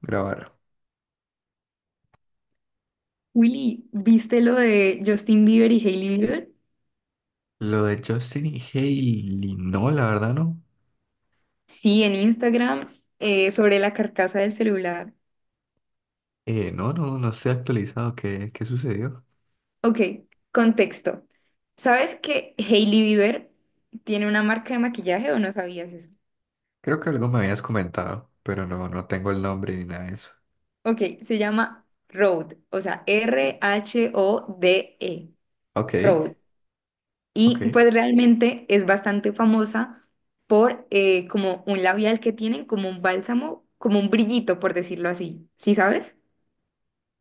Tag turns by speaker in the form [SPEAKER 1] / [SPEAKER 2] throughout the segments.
[SPEAKER 1] Grabar.
[SPEAKER 2] Willy, ¿viste lo de Justin Bieber y Hailey Bieber?
[SPEAKER 1] Lo de Justin y Hailey, no, la verdad no.
[SPEAKER 2] Sí, en Instagram, sobre la carcasa del celular.
[SPEAKER 1] No, no estoy actualizado. Qué sucedió?
[SPEAKER 2] Ok, contexto. ¿Sabes que Hailey Bieber tiene una marca de maquillaje o no sabías eso?
[SPEAKER 1] Creo que algo me habías comentado, pero no tengo el nombre ni nada de eso.
[SPEAKER 2] Ok, se llama Rhode, o sea, R-H-O-D-E,
[SPEAKER 1] Ok,
[SPEAKER 2] Rhode.
[SPEAKER 1] ok,
[SPEAKER 2] Y pues realmente es bastante famosa por como un labial que tienen, como un bálsamo, como un brillito, por decirlo así. ¿Sí sabes?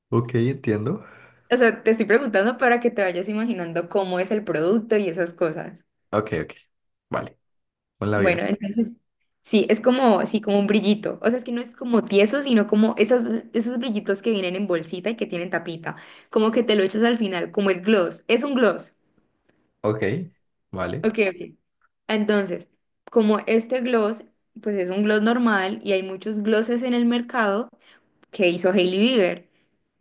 [SPEAKER 1] ok, entiendo.
[SPEAKER 2] O sea, te estoy preguntando para que te vayas imaginando cómo es el producto y esas cosas.
[SPEAKER 1] Ok, ok, vale. Un
[SPEAKER 2] Bueno,
[SPEAKER 1] labial.
[SPEAKER 2] entonces, sí, es como, sí, como un brillito. O sea, es que no es como tieso, sino como esas, esos brillitos que vienen en bolsita y que tienen tapita. Como que te lo echas al final, como el gloss. Es un gloss.
[SPEAKER 1] Ok, vale.
[SPEAKER 2] Ok, ok. Entonces, como este gloss, pues es un gloss normal y hay muchos glosses en el mercado, que hizo Hailey Bieber.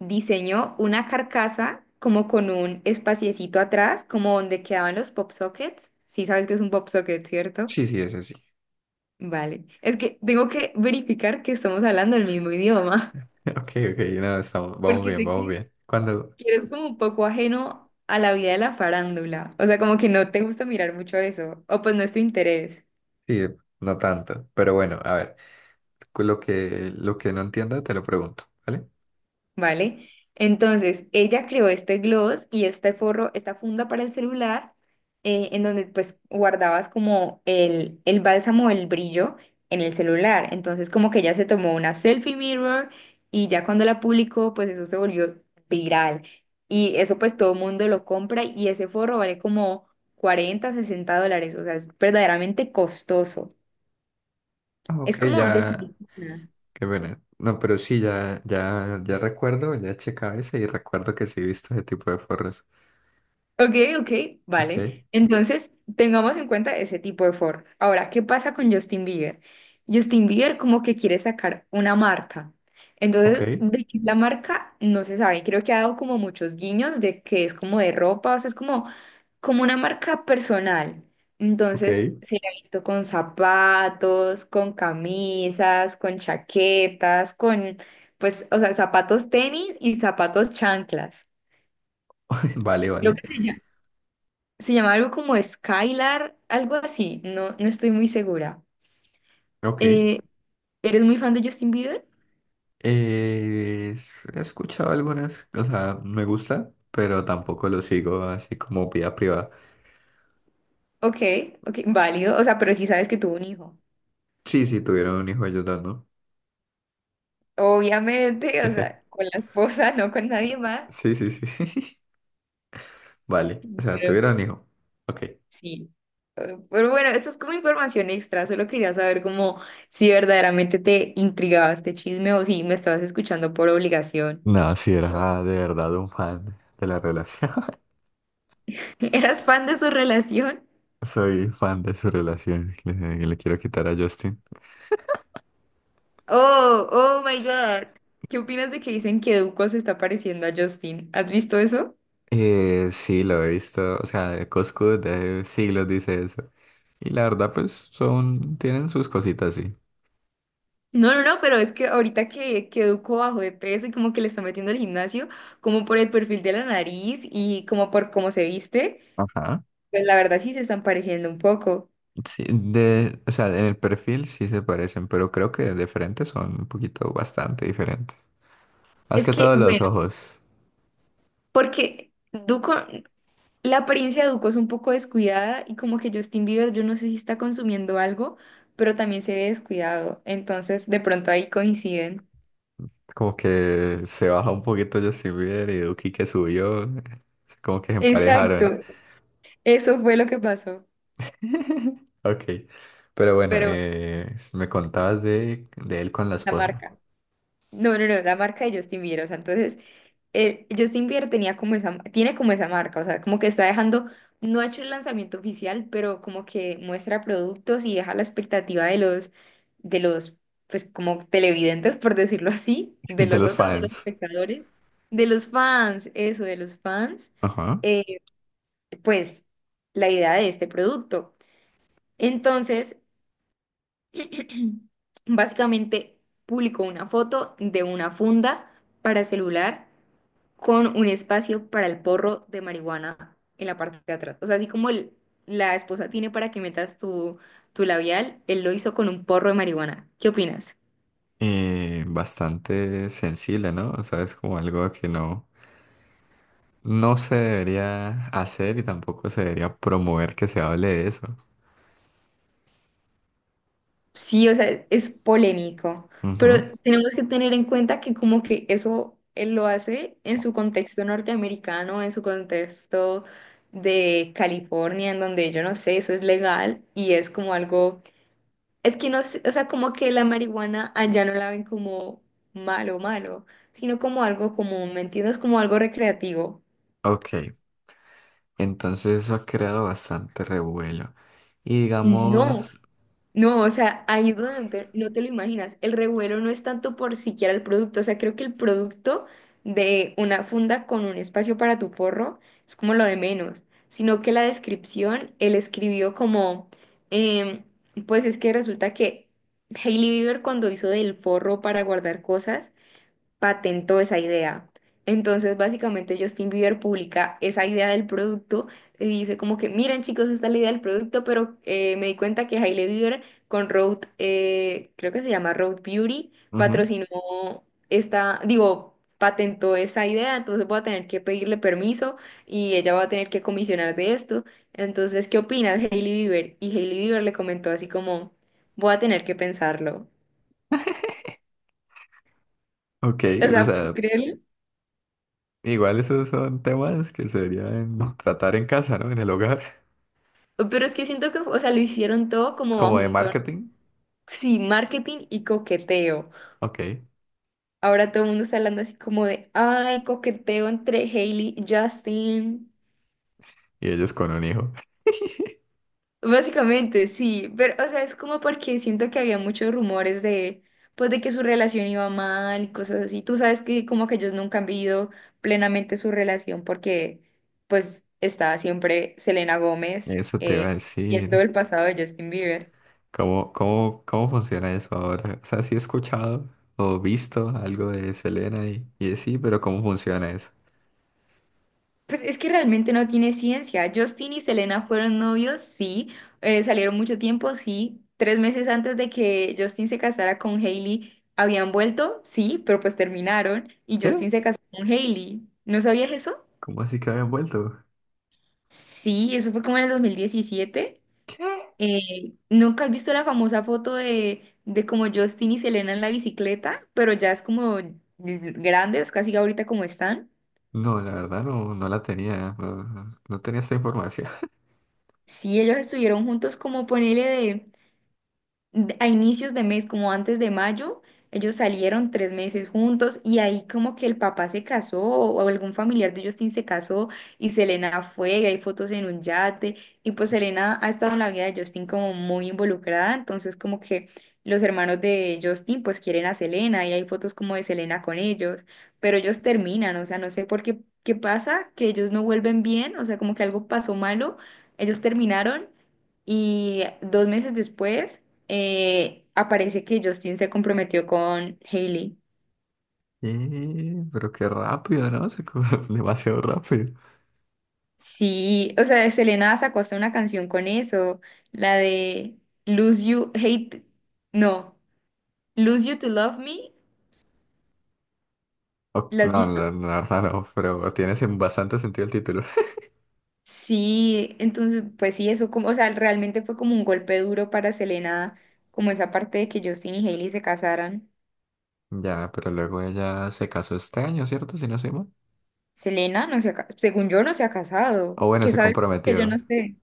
[SPEAKER 2] Diseñó una carcasa como con un espaciecito atrás, como donde quedaban los pop sockets. Sí sabes que es un pop socket, ¿cierto?
[SPEAKER 1] Sí, sí, ese sí.
[SPEAKER 2] Vale. Es que tengo que verificar que estamos hablando el mismo idioma,
[SPEAKER 1] Ok, ok, no, estamos, vamos
[SPEAKER 2] porque
[SPEAKER 1] bien,
[SPEAKER 2] sé
[SPEAKER 1] vamos
[SPEAKER 2] que
[SPEAKER 1] bien. Cuando,
[SPEAKER 2] que eres como un poco ajeno a la vida de la farándula. O sea, como que no te gusta mirar mucho eso, o pues no es tu interés.
[SPEAKER 1] sí, no tanto, pero bueno, a ver, lo lo que no entienda te lo pregunto, ¿vale?
[SPEAKER 2] ¿Vale? Entonces, ella creó este gloss y este forro, esta funda para el celular, en donde pues guardabas como el bálsamo, el brillo en el celular. Entonces, como que ella se tomó una selfie mirror y ya cuando la publicó, pues eso se volvió viral. Y eso pues todo el mundo lo compra y ese forro vale como 40 a 60 dólares, o sea, es verdaderamente costoso.
[SPEAKER 1] Ah,
[SPEAKER 2] Es
[SPEAKER 1] ok,
[SPEAKER 2] como de
[SPEAKER 1] ya.
[SPEAKER 2] silicona.
[SPEAKER 1] Qué pena. No, pero sí, ya, ya, ya recuerdo, ya he checado ese y recuerdo que sí he visto ese tipo de forros.
[SPEAKER 2] Ok, ok,
[SPEAKER 1] Ok,
[SPEAKER 2] vale. Entonces, tengamos en cuenta ese tipo de forma. Ahora, ¿qué pasa con Justin Bieber? Justin Bieber como que quiere sacar una marca.
[SPEAKER 1] ok,
[SPEAKER 2] Entonces, de qué es la marca no se sabe. Creo que ha dado como muchos guiños de que es como de ropa, o sea, es como, como una marca personal. Entonces,
[SPEAKER 1] ok.
[SPEAKER 2] se la ha visto con zapatos, con camisas, con chaquetas, con, pues, o sea, zapatos tenis y zapatos chanclas.
[SPEAKER 1] Vale,
[SPEAKER 2] Creo
[SPEAKER 1] vale.
[SPEAKER 2] que se llama algo como Skylar, algo así, no, no estoy muy segura.
[SPEAKER 1] Ok.
[SPEAKER 2] Eh, ¿Eres muy fan de Justin Bieber?
[SPEAKER 1] He escuchado algunas, o sea, me gusta, pero tampoco lo sigo así como vida privada.
[SPEAKER 2] Ok, ok, válido, o sea, pero sí sabes que tuvo un hijo.
[SPEAKER 1] Sí, sí, tuvieron un hijo ellos dos, ¿no?
[SPEAKER 2] Obviamente, o sea, con la esposa, no con nadie más.
[SPEAKER 1] Sí, sí, sí. Vale, o sea,
[SPEAKER 2] Pero
[SPEAKER 1] tuvieron un hijo. Ok.
[SPEAKER 2] sí, pero bueno, eso es como información extra, solo quería saber como si verdaderamente te intrigaba este chisme o si me estabas escuchando por obligación.
[SPEAKER 1] No, sí, era de verdad un fan de la relación.
[SPEAKER 2] ¿Eras fan de su relación?
[SPEAKER 1] Soy fan de su relación. Le quiero quitar a Justin.
[SPEAKER 2] Oh, oh my God. ¿Qué opinas de que dicen que Duco se está pareciendo a Justin? ¿Has visto eso?
[SPEAKER 1] Sí, lo he visto, o sea, Coscu de siglos dice eso. Y la verdad, pues, son, tienen sus cositas, sí.
[SPEAKER 2] No, no, no, pero es que ahorita que Duco bajó de peso y como que le está metiendo al gimnasio, como por el perfil de la nariz y como por cómo se viste,
[SPEAKER 1] Ajá.
[SPEAKER 2] pues la verdad sí se están pareciendo un poco.
[SPEAKER 1] Sí, de, o sea, en el perfil sí se parecen, pero creo que de frente son un poquito bastante diferentes. Más
[SPEAKER 2] Es
[SPEAKER 1] que
[SPEAKER 2] que,
[SPEAKER 1] todo los
[SPEAKER 2] bueno,
[SPEAKER 1] ojos.
[SPEAKER 2] porque Duco, la apariencia de Duco es un poco descuidada y como que Justin Bieber, yo no sé si está consumiendo algo, pero también se ve descuidado. Entonces, de pronto ahí coinciden.
[SPEAKER 1] Como que se baja un poquito Justin Bieber y Duki que subió, como que se emparejaron.
[SPEAKER 2] Exacto. Eso fue lo que pasó.
[SPEAKER 1] Ok, pero bueno,
[SPEAKER 2] Pero bueno,
[SPEAKER 1] me contabas de él con la
[SPEAKER 2] la
[SPEAKER 1] esposa,
[SPEAKER 2] marca. No, no, no, la marca de Justin Bieber. O sea, entonces, Justin Bieber tenía como esa, tiene como esa marca. O sea, como que está dejando, no ha hecho el lanzamiento oficial, pero como que muestra productos y deja la expectativa de los, pues como televidentes, por decirlo así, de
[SPEAKER 1] de
[SPEAKER 2] los
[SPEAKER 1] los
[SPEAKER 2] otros, de los
[SPEAKER 1] fans.
[SPEAKER 2] espectadores, de los fans, eso, de los fans,
[SPEAKER 1] Ajá.
[SPEAKER 2] eh, pues la idea de este producto. Entonces, básicamente publicó una foto de una funda para celular con un espacio para el porro de marihuana en la parte de atrás. O sea, así como el- la esposa tiene para que metas tu, tu labial, él lo hizo con un porro de marihuana. ¿Qué opinas?
[SPEAKER 1] Bastante sensible, ¿no? O sea, es como algo que no se debería hacer y tampoco se debería promover que se hable de eso.
[SPEAKER 2] Sí, o sea, es polémico,
[SPEAKER 1] Ujú.
[SPEAKER 2] pero tenemos que tener en cuenta que como que eso él lo hace en su contexto norteamericano, en su contexto de California, en donde yo no sé, eso es legal y es como algo, es que no sé, o sea, como que la marihuana allá no la ven como malo, malo, sino como algo común, ¿me entiendes? Como algo recreativo.
[SPEAKER 1] Ok, entonces eso ha creado bastante revuelo. Y digamos,
[SPEAKER 2] No, no, o sea, ahí es donde no te, no te lo imaginas. El revuelo no es tanto por siquiera el producto, o sea, creo que el producto de una funda con un espacio para tu porro es como lo de menos, sino que la descripción, él escribió como, em, pues es que resulta que Hailey Bieber cuando hizo del forro para guardar cosas, patentó esa idea. Entonces, básicamente, Justin Bieber publica esa idea del producto y dice como que, miren chicos, esta es la idea del producto, pero me di cuenta que Hailey Bieber con Road, creo que se llama Road Beauty,
[SPEAKER 1] ujú,
[SPEAKER 2] patrocinó esta, digo, patentó esa idea, entonces voy a tener que pedirle permiso y ella va a tener que comisionar de esto. Entonces, ¿qué opinas, Hailey Bieber? Y Hailey Bieber le comentó así como, voy a tener que pensarlo.
[SPEAKER 1] ok,
[SPEAKER 2] O
[SPEAKER 1] o
[SPEAKER 2] sea, ¿puedes
[SPEAKER 1] sea,
[SPEAKER 2] creerlo?
[SPEAKER 1] igual esos son temas que se deberían tratar en casa, ¿no? En el hogar,
[SPEAKER 2] Pero es que siento que, o sea, lo hicieron todo como bajo
[SPEAKER 1] como de
[SPEAKER 2] un tono,
[SPEAKER 1] marketing.
[SPEAKER 2] sí, marketing y coqueteo.
[SPEAKER 1] Ok, y
[SPEAKER 2] Ahora todo el mundo está hablando así como de, ay, coqueteo entre Hailey y Justin.
[SPEAKER 1] ellos con un hijo.
[SPEAKER 2] Básicamente, sí, pero, o sea, es como porque siento que había muchos rumores de, pues, de que su relación iba mal y cosas así. Tú sabes que como que ellos nunca han vivido plenamente su relación porque, pues, está siempre Selena Gómez,
[SPEAKER 1] Eso te iba a
[SPEAKER 2] siendo
[SPEAKER 1] decir.
[SPEAKER 2] el pasado de Justin Bieber.
[SPEAKER 1] Cómo funciona eso ahora? O sea, sí he escuchado o visto algo de Selena y de sí, pero ¿cómo funciona eso?
[SPEAKER 2] Pues es que realmente no tiene ciencia. Justin y Selena fueron novios, sí. Salieron mucho tiempo, sí. Tres meses antes de que Justin se casara con Hailey, habían vuelto, sí, pero pues terminaron y
[SPEAKER 1] ¿Qué?
[SPEAKER 2] Justin se casó con Hailey. ¿No sabías eso?
[SPEAKER 1] ¿Cómo así que habían vuelto?
[SPEAKER 2] Sí, eso fue como en el 2017.
[SPEAKER 1] ¿Qué?
[SPEAKER 2] Eh, ¿Nunca has visto la famosa foto de como Justin y Selena en la bicicleta? Pero ya es como grandes, casi ahorita como están.
[SPEAKER 1] No, la verdad no, no la tenía, no tenía esta información.
[SPEAKER 2] Sí, ellos estuvieron juntos como ponele de- a inicios de mes, como antes de mayo, ellos salieron 3 meses juntos y ahí como que el papá se casó o algún familiar de Justin se casó y Selena fue, y hay fotos en un yate y pues Selena ha estado en la vida de Justin como muy involucrada, entonces como que los hermanos de Justin pues quieren a Selena y hay fotos como de Selena con ellos, pero ellos terminan, o sea, no sé por qué, qué pasa, que ellos no vuelven bien, o sea, como que algo pasó malo, ellos terminaron. Y 2 meses después aparece que Justin se comprometió con Hailey.
[SPEAKER 1] Pero qué rápido, ¿no? Demasiado rápido.
[SPEAKER 2] Sí, o sea, Selena sacó hasta una canción con eso, la de Lose You, Hate, no, Lose You to Love Me, ¿la has
[SPEAKER 1] No,
[SPEAKER 2] visto?
[SPEAKER 1] la verdad no, pero tiene bastante sentido el título.
[SPEAKER 2] Sí, entonces, pues sí, eso como, o sea, realmente fue como un golpe duro para Selena, como esa parte de que Justin y Hailey se casaran.
[SPEAKER 1] Ya, pero luego ella se casó este año, ¿cierto? Si no soy mal.
[SPEAKER 2] Selena no se ha, ca- según yo no se ha casado,
[SPEAKER 1] O bueno,
[SPEAKER 2] ¿qué
[SPEAKER 1] se
[SPEAKER 2] sabes tú que yo no
[SPEAKER 1] comprometió.
[SPEAKER 2] sé?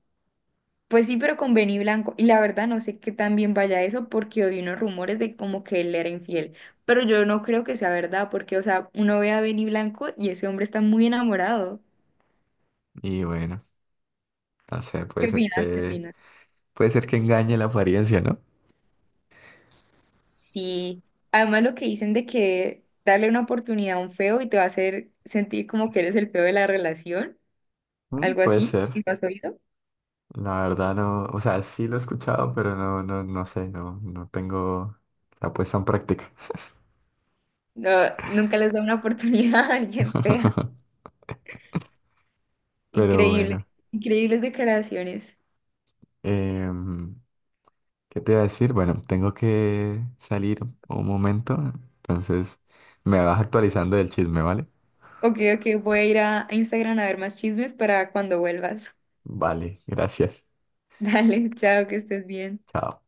[SPEAKER 2] Pues sí, pero con Benny Blanco. Y la verdad no sé qué tan bien vaya eso porque oí unos rumores de como que él era infiel. Pero yo no creo que sea verdad porque, o sea, uno ve a Benny Blanco y ese hombre está muy enamorado.
[SPEAKER 1] Y bueno, no sé, puede
[SPEAKER 2] ¿Qué
[SPEAKER 1] ser
[SPEAKER 2] opinas? ¿Qué opinas?
[SPEAKER 1] puede ser que engañe la apariencia, ¿no?
[SPEAKER 2] Sí. Además lo que dicen de que darle una oportunidad a un feo y te va a hacer sentir como que eres el feo de la relación,
[SPEAKER 1] Mm,
[SPEAKER 2] algo
[SPEAKER 1] puede
[SPEAKER 2] así,
[SPEAKER 1] ser.
[SPEAKER 2] ¿lo has oído?
[SPEAKER 1] La verdad no, o sea, sí lo he escuchado, pero no sé, no tengo la puesta en práctica.
[SPEAKER 2] No, nunca les da una oportunidad a alguien fea.
[SPEAKER 1] Pero
[SPEAKER 2] Increíble.
[SPEAKER 1] bueno,
[SPEAKER 2] Increíbles declaraciones.
[SPEAKER 1] em, ¿qué te iba a decir? Bueno, tengo que salir un momento, entonces me vas actualizando del chisme, ¿vale?
[SPEAKER 2] Ok, ok, voy a ir a Instagram a ver más chismes para cuando vuelvas.
[SPEAKER 1] Vale, gracias.
[SPEAKER 2] Dale, chao, que estés bien.
[SPEAKER 1] Chao.